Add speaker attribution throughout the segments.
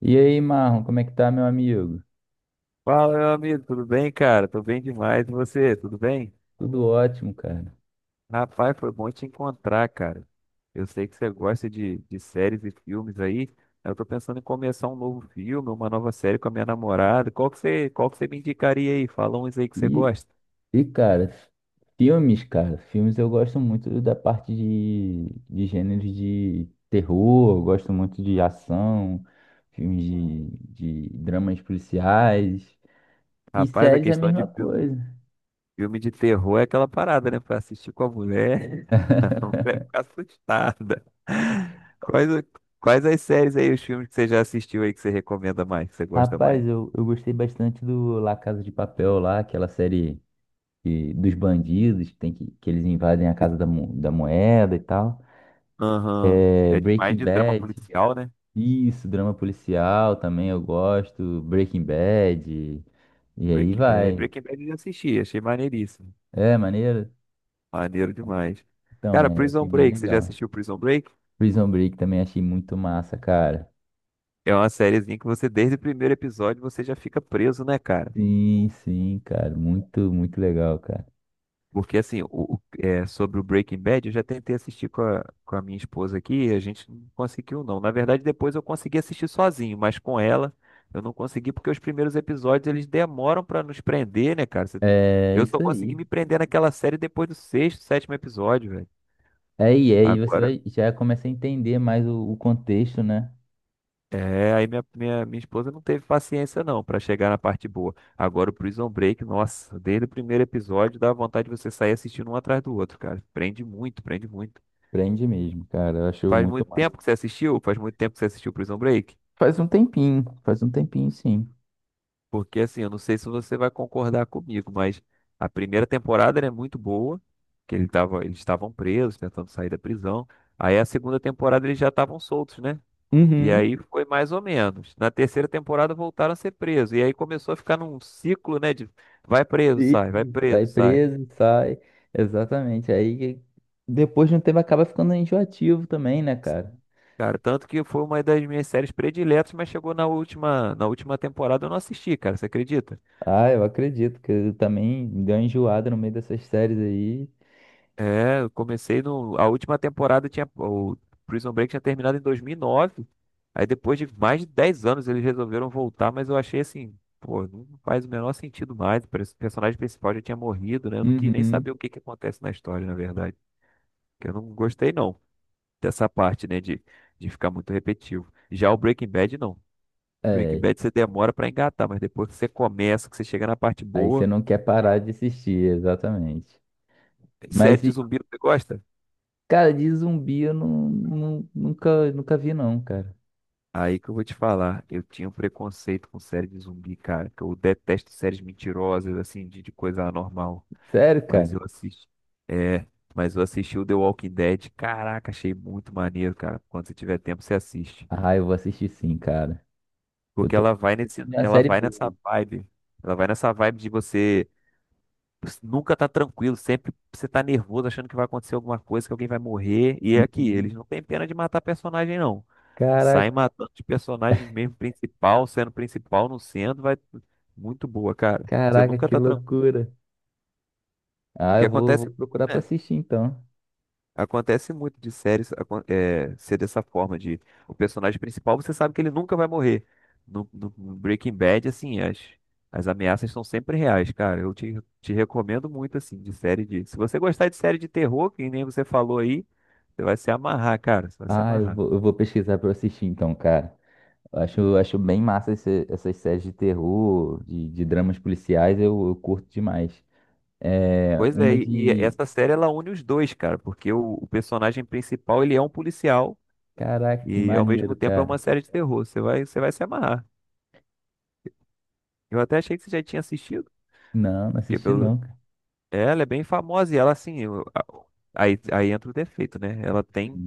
Speaker 1: E aí, Marlon, como é que tá, meu amigo?
Speaker 2: Fala, meu amigo, tudo bem, cara? Tô bem demais. E você, tudo bem?
Speaker 1: Tudo ótimo, cara.
Speaker 2: Rapaz, foi bom te encontrar, cara. Eu sei que você gosta de séries e filmes aí. Eu tô pensando em começar um novo filme, uma nova série com a minha namorada. Qual que você me indicaria aí? Fala uns aí que você
Speaker 1: E,
Speaker 2: gosta.
Speaker 1: cara, filmes, cara, filmes eu gosto muito da parte de gêneros de terror, eu gosto muito de ação, filmes de dramas policiais. E
Speaker 2: Rapaz, a
Speaker 1: séries é a
Speaker 2: questão de
Speaker 1: mesma
Speaker 2: filme,
Speaker 1: coisa.
Speaker 2: filme de terror é aquela parada, né? Pra assistir com a mulher, a mulher fica assustada. Quais, o- Quais as séries aí, os filmes que você já assistiu aí que você recomenda mais, que você gosta
Speaker 1: Rapaz,
Speaker 2: mais?
Speaker 1: eu gostei bastante do La Casa de Papel lá, aquela série dos bandidos, que eles invadem a casa da, da moeda e tal.
Speaker 2: Aham.
Speaker 1: É,
Speaker 2: É mais
Speaker 1: Breaking
Speaker 2: de drama
Speaker 1: Bad.
Speaker 2: policial, né?
Speaker 1: Isso, drama policial também eu gosto, Breaking Bad, e aí
Speaker 2: Breaking Bad.
Speaker 1: vai.
Speaker 2: Breaking Bad eu já assisti, achei maneiríssimo.
Speaker 1: É, maneiro?
Speaker 2: Maneiro demais. Cara,
Speaker 1: Então, é,
Speaker 2: Prison
Speaker 1: achei bem
Speaker 2: Break, você já
Speaker 1: legal.
Speaker 2: assistiu Prison Break?
Speaker 1: Prison Break também achei muito massa, cara.
Speaker 2: É uma sériezinha que você, desde o primeiro episódio, você já fica preso, né, cara?
Speaker 1: Sim, sim, cara, muito, muito legal, cara.
Speaker 2: Porque assim, sobre o Breaking Bad, eu já tentei assistir com a minha esposa aqui e a gente não conseguiu, não. Na verdade, depois eu consegui assistir sozinho, mas com ela eu não consegui porque os primeiros episódios eles demoram pra nos prender, né, cara? Você.
Speaker 1: É
Speaker 2: Eu
Speaker 1: isso
Speaker 2: só consegui
Speaker 1: aí.
Speaker 2: me prender naquela série depois do sexto, sétimo episódio, velho.
Speaker 1: É, e aí você
Speaker 2: Agora,
Speaker 1: vai, já começa a entender mais o contexto, né?
Speaker 2: aí minha esposa não teve paciência não pra chegar na parte boa. Agora o Prison Break, nossa, desde o primeiro episódio dá vontade de você sair assistindo um atrás do outro, cara. Prende muito, prende muito.
Speaker 1: Prende mesmo, cara, eu achei
Speaker 2: Faz
Speaker 1: muito
Speaker 2: muito
Speaker 1: massa.
Speaker 2: tempo que você assistiu? Faz muito tempo que você assistiu Prison Break?
Speaker 1: Faz um tempinho, sim.
Speaker 2: Porque assim, eu não sei se você vai concordar comigo, mas a primeira temporada ela é muito boa, que ele tava, eles estavam presos, tentando sair da prisão. Aí a segunda temporada eles já estavam soltos, né? E
Speaker 1: Uhum.
Speaker 2: aí foi mais ou menos. Na terceira temporada voltaram a ser presos. E aí começou a ficar num ciclo, né? De vai preso,
Speaker 1: E
Speaker 2: sai, vai preso,
Speaker 1: vai
Speaker 2: sai.
Speaker 1: preso, sai. Exatamente. Aí depois de um tempo acaba ficando enjoativo também, né, cara?
Speaker 2: Cara, tanto que foi uma das minhas séries prediletas, mas chegou na última temporada eu não assisti, cara. Você acredita?
Speaker 1: Ah, eu acredito que eu também deu uma enjoada no meio dessas séries aí.
Speaker 2: É, eu comecei no. A última temporada tinha. O Prison Break tinha terminado em 2009. Aí depois de mais de 10 anos eles resolveram voltar, mas eu achei assim, pô, não faz o menor sentido mais. Parece que o personagem principal já tinha morrido, né? Eu não quis nem
Speaker 1: Uhum.
Speaker 2: saber o que que acontece na história, na verdade. Que eu não gostei, não, dessa parte, né? De ficar muito repetitivo. Já o Breaking Bad, não. Breaking
Speaker 1: É.
Speaker 2: Bad você demora pra engatar, mas depois que você começa, que você chega na parte
Speaker 1: Aí você
Speaker 2: boa.
Speaker 1: não quer parar de assistir, exatamente.
Speaker 2: Série
Speaker 1: Mas,
Speaker 2: de
Speaker 1: e,
Speaker 2: zumbi, você gosta?
Speaker 1: cara, de zumbi eu nunca, nunca vi, não, cara.
Speaker 2: Aí que eu vou te falar, eu tinha um preconceito com série de zumbi, cara, que eu detesto séries mentirosas, assim, de coisa anormal.
Speaker 1: Sério,
Speaker 2: Mas
Speaker 1: cara?
Speaker 2: eu assisti. É, mas eu assisti o The Walking Dead. Caraca, achei muito maneiro, cara. Quando você tiver tempo, você assiste.
Speaker 1: Ah, eu vou assistir sim, cara. Eu
Speaker 2: Porque
Speaker 1: tô. É uma
Speaker 2: ela
Speaker 1: série
Speaker 2: vai nessa
Speaker 1: boa.
Speaker 2: vibe. Ela vai nessa vibe de você nunca tá tranquilo, sempre você tá nervoso, achando que vai acontecer alguma coisa, que alguém vai morrer. E é aqui, eles
Speaker 1: Uhum.
Speaker 2: não têm pena de matar personagem, não. Sai
Speaker 1: Caraca,
Speaker 2: matando de personagens mesmo, principal, sendo principal, não sendo, vai muito boa, cara. Você
Speaker 1: caraca,
Speaker 2: nunca
Speaker 1: que
Speaker 2: tá cara, tranquilo.
Speaker 1: loucura. Ah,
Speaker 2: Porque
Speaker 1: eu vou, vou
Speaker 2: acontece,
Speaker 1: procurar pra
Speaker 2: né?
Speaker 1: assistir então.
Speaker 2: Acontece muito de séries ser dessa forma, de o personagem principal, você sabe que ele nunca vai morrer. No Breaking Bad, assim, as ameaças são sempre reais, cara. Te recomendo muito, assim, de série de. Se você gostar de série de terror, que nem você falou aí, você vai se amarrar, cara. Você vai se
Speaker 1: Ah,
Speaker 2: amarrar.
Speaker 1: eu vou pesquisar pra eu assistir então, cara. Eu acho bem massa essas séries de terror, de dramas policiais, eu curto demais. É,
Speaker 2: Pois é,
Speaker 1: uma
Speaker 2: e
Speaker 1: de.
Speaker 2: essa série ela une os dois, cara, porque o personagem principal ele é um policial
Speaker 1: Caraca, que
Speaker 2: e ao mesmo
Speaker 1: maneiro,
Speaker 2: tempo é uma
Speaker 1: cara.
Speaker 2: série de terror. Você vai se amarrar. Eu até achei que você já tinha assistido,
Speaker 1: Não, não
Speaker 2: porque
Speaker 1: assisti
Speaker 2: pelo...
Speaker 1: não, cara.
Speaker 2: é, ela é bem famosa e ela assim, eu- a- aí, aí entra o defeito, né? Ela tem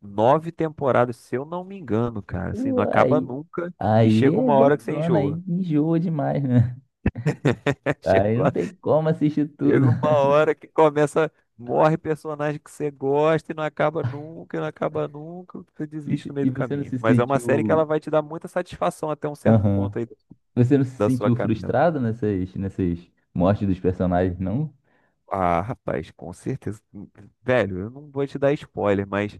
Speaker 2: 9 temporadas, se eu não me engano, cara, assim, não
Speaker 1: Pô,
Speaker 2: acaba
Speaker 1: Aí,
Speaker 2: nunca e
Speaker 1: aí
Speaker 2: chega
Speaker 1: é
Speaker 2: uma hora que você
Speaker 1: grandona,
Speaker 2: enjoa.
Speaker 1: aí enjoa demais, né? Aí não
Speaker 2: Chega
Speaker 1: tem como assistir
Speaker 2: Chega
Speaker 1: tudo.
Speaker 2: uma hora que começa, morre personagem que você gosta e não acaba nunca, e não acaba nunca, você
Speaker 1: E,
Speaker 2: desiste no
Speaker 1: se-
Speaker 2: meio
Speaker 1: e
Speaker 2: do
Speaker 1: você não
Speaker 2: caminho.
Speaker 1: se
Speaker 2: Mas é uma série que ela
Speaker 1: sentiu.
Speaker 2: vai te dar muita satisfação até um certo
Speaker 1: Aham.
Speaker 2: ponto aí
Speaker 1: Você não se
Speaker 2: da sua
Speaker 1: sentiu
Speaker 2: caminhada.
Speaker 1: frustrado nessas mortes dos personagens, não?
Speaker 2: Ah, rapaz, com certeza. Velho, eu não vou te dar spoiler, mas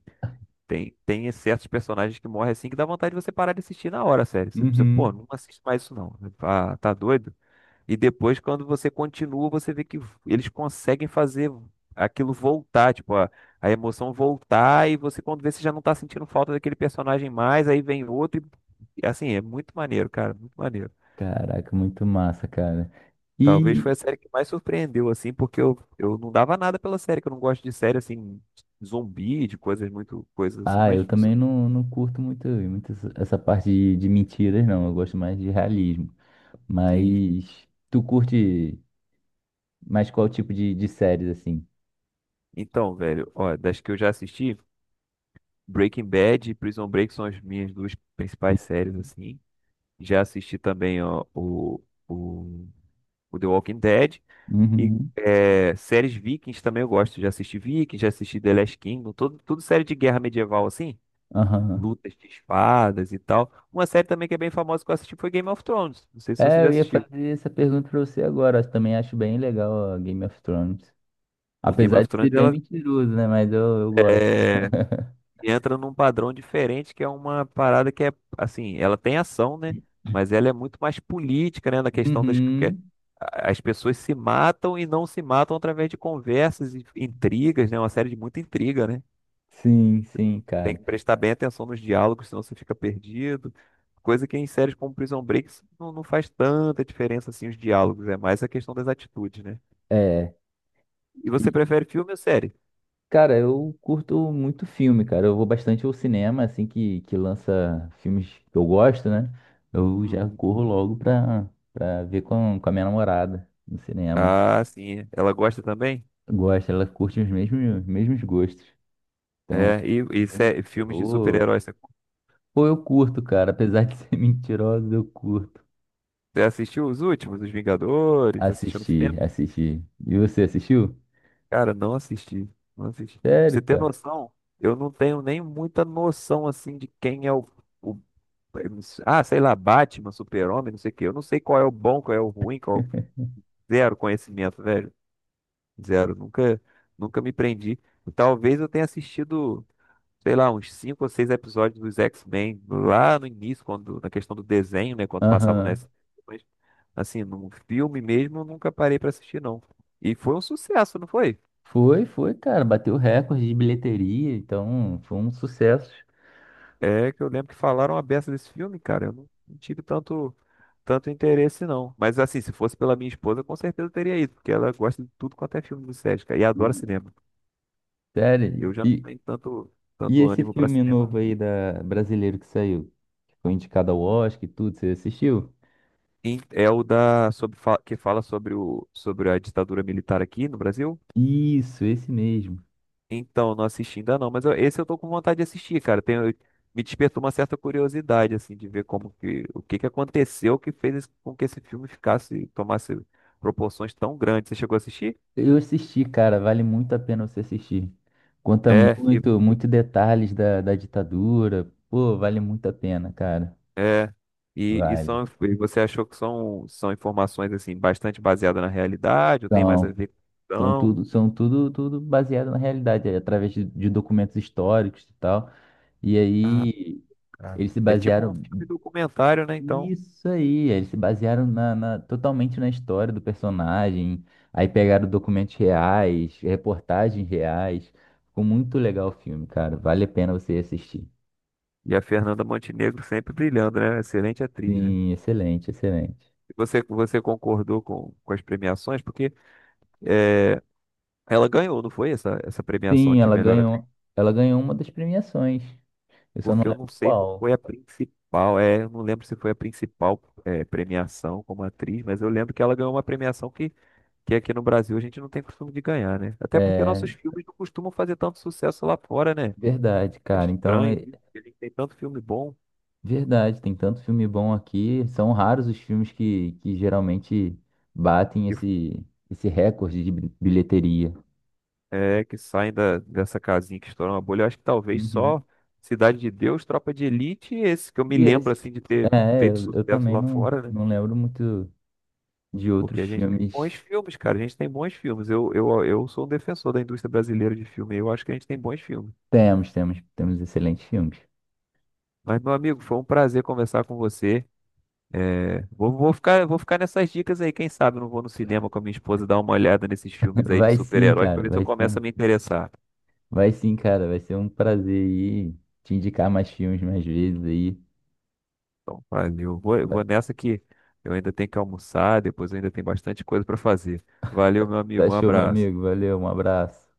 Speaker 2: tem certos personagens que morrem assim que dá vontade de você parar de assistir na hora, sério.
Speaker 1: Uhum.
Speaker 2: Pô, não assiste mais isso não. Ah, tá doido? E depois, quando você continua, você vê que eles conseguem fazer aquilo voltar, tipo, a emoção voltar, e você, quando vê, você já não tá sentindo falta daquele personagem mais, aí vem outro, e assim, é muito maneiro, cara, muito maneiro.
Speaker 1: Caraca, muito massa, cara.
Speaker 2: Talvez foi
Speaker 1: E,
Speaker 2: a série que mais surpreendeu, assim, porque eu não dava nada pela série, que eu não gosto de série, assim, zumbi, de coisas muito, coisas assim,
Speaker 1: ah,
Speaker 2: mas
Speaker 1: eu também
Speaker 2: isso,
Speaker 1: não, não curto muito essa essa parte de mentiras, não. Eu gosto mais de realismo.
Speaker 2: sim.
Speaker 1: Mas tu curte mais qual tipo de séries, assim?
Speaker 2: Então, velho, ó, das que eu já assisti, Breaking Bad e Prison Break são as minhas duas principais séries, assim. Já assisti também ó, o, o The Walking Dead e
Speaker 1: Uhum.
Speaker 2: séries Vikings também eu gosto. Já assisti Vikings, já assisti The Last Kingdom, todo, tudo série de guerra medieval assim,
Speaker 1: Aham.
Speaker 2: lutas de espadas e tal. Uma série também que é bem famosa que eu assisti foi Game of Thrones. Não sei se você
Speaker 1: É,
Speaker 2: já
Speaker 1: eu ia
Speaker 2: assistiu.
Speaker 1: fazer essa pergunta pra você agora. Eu também acho bem legal a Game of Thrones.
Speaker 2: O Game
Speaker 1: Apesar
Speaker 2: of
Speaker 1: de ser
Speaker 2: Thrones
Speaker 1: bem
Speaker 2: ela,
Speaker 1: mentiroso, né? Mas eu gosto.
Speaker 2: eh, e entra num padrão diferente, que é uma parada que é, assim, ela tem ação, né? Mas ela é muito mais política, né? Na questão das que é-
Speaker 1: Uhum.
Speaker 2: a- as pessoas se matam e não se matam através de conversas e intrigas, né? Uma série de muita intriga, né?
Speaker 1: Sim, sim,
Speaker 2: Tem
Speaker 1: cara.
Speaker 2: que prestar bem atenção nos diálogos, senão você fica perdido. Coisa que em séries como Prison Break isso não, não faz tanta diferença assim os diálogos, é mais a questão das atitudes, né?
Speaker 1: É,
Speaker 2: E você
Speaker 1: e,
Speaker 2: prefere filme ou série?
Speaker 1: cara, eu curto muito filme, cara. Eu vou bastante ao cinema, assim que lança filmes que eu gosto, né? Eu já
Speaker 2: Uhum.
Speaker 1: corro logo pra ver com a minha namorada no cinema.
Speaker 2: Ah, sim. Ela gosta também?
Speaker 1: Gosta, ela curte os mesmos gostos. Então, filme de
Speaker 2: Filmes de
Speaker 1: terror.
Speaker 2: super-heróis?
Speaker 1: Pô, eu curto, cara. Apesar de ser mentirosa, eu curto.
Speaker 2: Você assistiu os últimos, os Vingadores? Assistiu no
Speaker 1: Assisti,
Speaker 2: cinema?
Speaker 1: assisti. E você assistiu?
Speaker 2: Cara, não assisti. Não assisti. Pra você
Speaker 1: Sério,
Speaker 2: ter
Speaker 1: cara?
Speaker 2: noção, eu não tenho nem muita noção assim de quem é o- ah, sei lá, Batman, Super-Homem, não sei o quê. Eu não sei qual é o bom, qual é o ruim, qual é o zero conhecimento, velho. Zero. Nunca me prendi. Talvez eu tenha assistido, sei lá, uns cinco ou seis episódios dos X-Men lá no início, quando na questão do desenho, né, quando passava no
Speaker 1: Aham.
Speaker 2: SBT. Assim, num filme mesmo, eu nunca parei pra assistir, não. E foi um sucesso, não foi?
Speaker 1: Foi, foi, cara, bateu recorde de bilheteria, então foi um sucesso.
Speaker 2: É que eu lembro que falaram a beça desse filme, cara. Eu não tive tanto interesse, não. Mas assim, se fosse pela minha esposa, com certeza eu teria ido, porque ela gosta de tudo quanto é filme do Sérgio, cara, e adora cinema.
Speaker 1: Sério.
Speaker 2: Eu já não
Speaker 1: E,
Speaker 2: tenho
Speaker 1: e
Speaker 2: tanto
Speaker 1: esse
Speaker 2: ânimo pra
Speaker 1: filme
Speaker 2: cinema,
Speaker 1: novo
Speaker 2: não.
Speaker 1: aí da brasileiro que saiu, que foi indicado ao Oscar e tudo, você assistiu?
Speaker 2: É o da sobre, que fala sobre, sobre a ditadura militar aqui no Brasil?
Speaker 1: Isso, esse mesmo.
Speaker 2: Então, não assisti ainda não, mas esse eu tô com vontade de assistir, cara. Tem, me despertou uma certa curiosidade, assim, de ver como que, o que que aconteceu que fez com que esse filme ficasse, tomasse proporções tão grandes. Você chegou a assistir?
Speaker 1: Eu assisti, cara, vale muito a pena você assistir. Conta
Speaker 2: É, e,
Speaker 1: muito, muito detalhes da ditadura. Pô, vale muito a pena, cara.
Speaker 2: é. E
Speaker 1: Vale.
Speaker 2: são, e você achou que são, são informações, assim, bastante baseadas na realidade, ou tem mais a
Speaker 1: São,
Speaker 2: ver com
Speaker 1: são
Speaker 2: ficção?
Speaker 1: tudo, são tudo, tudo baseado na realidade, é através de documentos históricos e tal. E
Speaker 2: Ah,
Speaker 1: aí
Speaker 2: cara.
Speaker 1: eles se
Speaker 2: É tipo um
Speaker 1: basearam.
Speaker 2: filme documentário, né, então?
Speaker 1: Isso aí, eles se basearam totalmente na história do personagem. Aí pegaram documentos reais, reportagens reais. Ficou muito legal o filme, cara. Vale a pena você assistir.
Speaker 2: E a Fernanda Montenegro sempre brilhando, né? Excelente atriz, né?
Speaker 1: Sim, excelente, excelente.
Speaker 2: Você concordou com as premiações? Porque é, ela ganhou, não foi essa, essa premiação
Speaker 1: Sim,
Speaker 2: de melhor atriz?
Speaker 1: ela ganhou uma das premiações. Eu só não
Speaker 2: Porque eu não
Speaker 1: lembro
Speaker 2: sei se
Speaker 1: qual.
Speaker 2: foi a principal, eu não lembro se foi a principal premiação como atriz, mas eu lembro que ela ganhou uma premiação que aqui no Brasil a gente não tem costume de ganhar, né? Até porque
Speaker 1: É
Speaker 2: nossos filmes não costumam fazer tanto sucesso lá fora, né?
Speaker 1: verdade,
Speaker 2: É
Speaker 1: cara.
Speaker 2: estranho isso, porque a gente tem tanto filme bom.
Speaker 1: Verdade, tem tanto filme bom aqui. São raros os filmes que geralmente batem esse recorde de bilheteria.
Speaker 2: É, que saem da, dessa casinha que estouram a bolha. Eu acho que talvez
Speaker 1: Uhum.
Speaker 2: só Cidade de Deus, Tropa de Elite, e esse que eu me
Speaker 1: E
Speaker 2: lembro
Speaker 1: esse?
Speaker 2: assim de ter
Speaker 1: É,
Speaker 2: feito
Speaker 1: eu
Speaker 2: sucesso
Speaker 1: também
Speaker 2: lá
Speaker 1: não,
Speaker 2: fora, né?
Speaker 1: não lembro muito de outros
Speaker 2: Porque a gente tem bons
Speaker 1: filmes.
Speaker 2: filmes, cara. A gente tem bons filmes. Eu sou um defensor da indústria brasileira de filme. Eu acho que a gente tem bons filmes.
Speaker 1: Temos, temos, temos excelentes filmes.
Speaker 2: Mas, meu amigo, foi um prazer conversar com você. Vou ficar nessas dicas aí. Quem sabe eu não vou no cinema com a minha esposa dar uma olhada nesses filmes aí de
Speaker 1: Vai sim,
Speaker 2: super-heróis pra
Speaker 1: cara,
Speaker 2: ver se eu
Speaker 1: vai
Speaker 2: começo
Speaker 1: sim.
Speaker 2: a me interessar.
Speaker 1: Vai sim, cara, vai ser um prazer aí te indicar mais filmes mais vezes aí.
Speaker 2: Então, Fábio, eu
Speaker 1: Vai-
Speaker 2: vou nessa que eu ainda tenho que almoçar, depois eu ainda tenho bastante coisa para fazer. Valeu, meu
Speaker 1: Tá
Speaker 2: amigo, um
Speaker 1: show, meu
Speaker 2: abraço.
Speaker 1: amigo. Valeu, um abraço.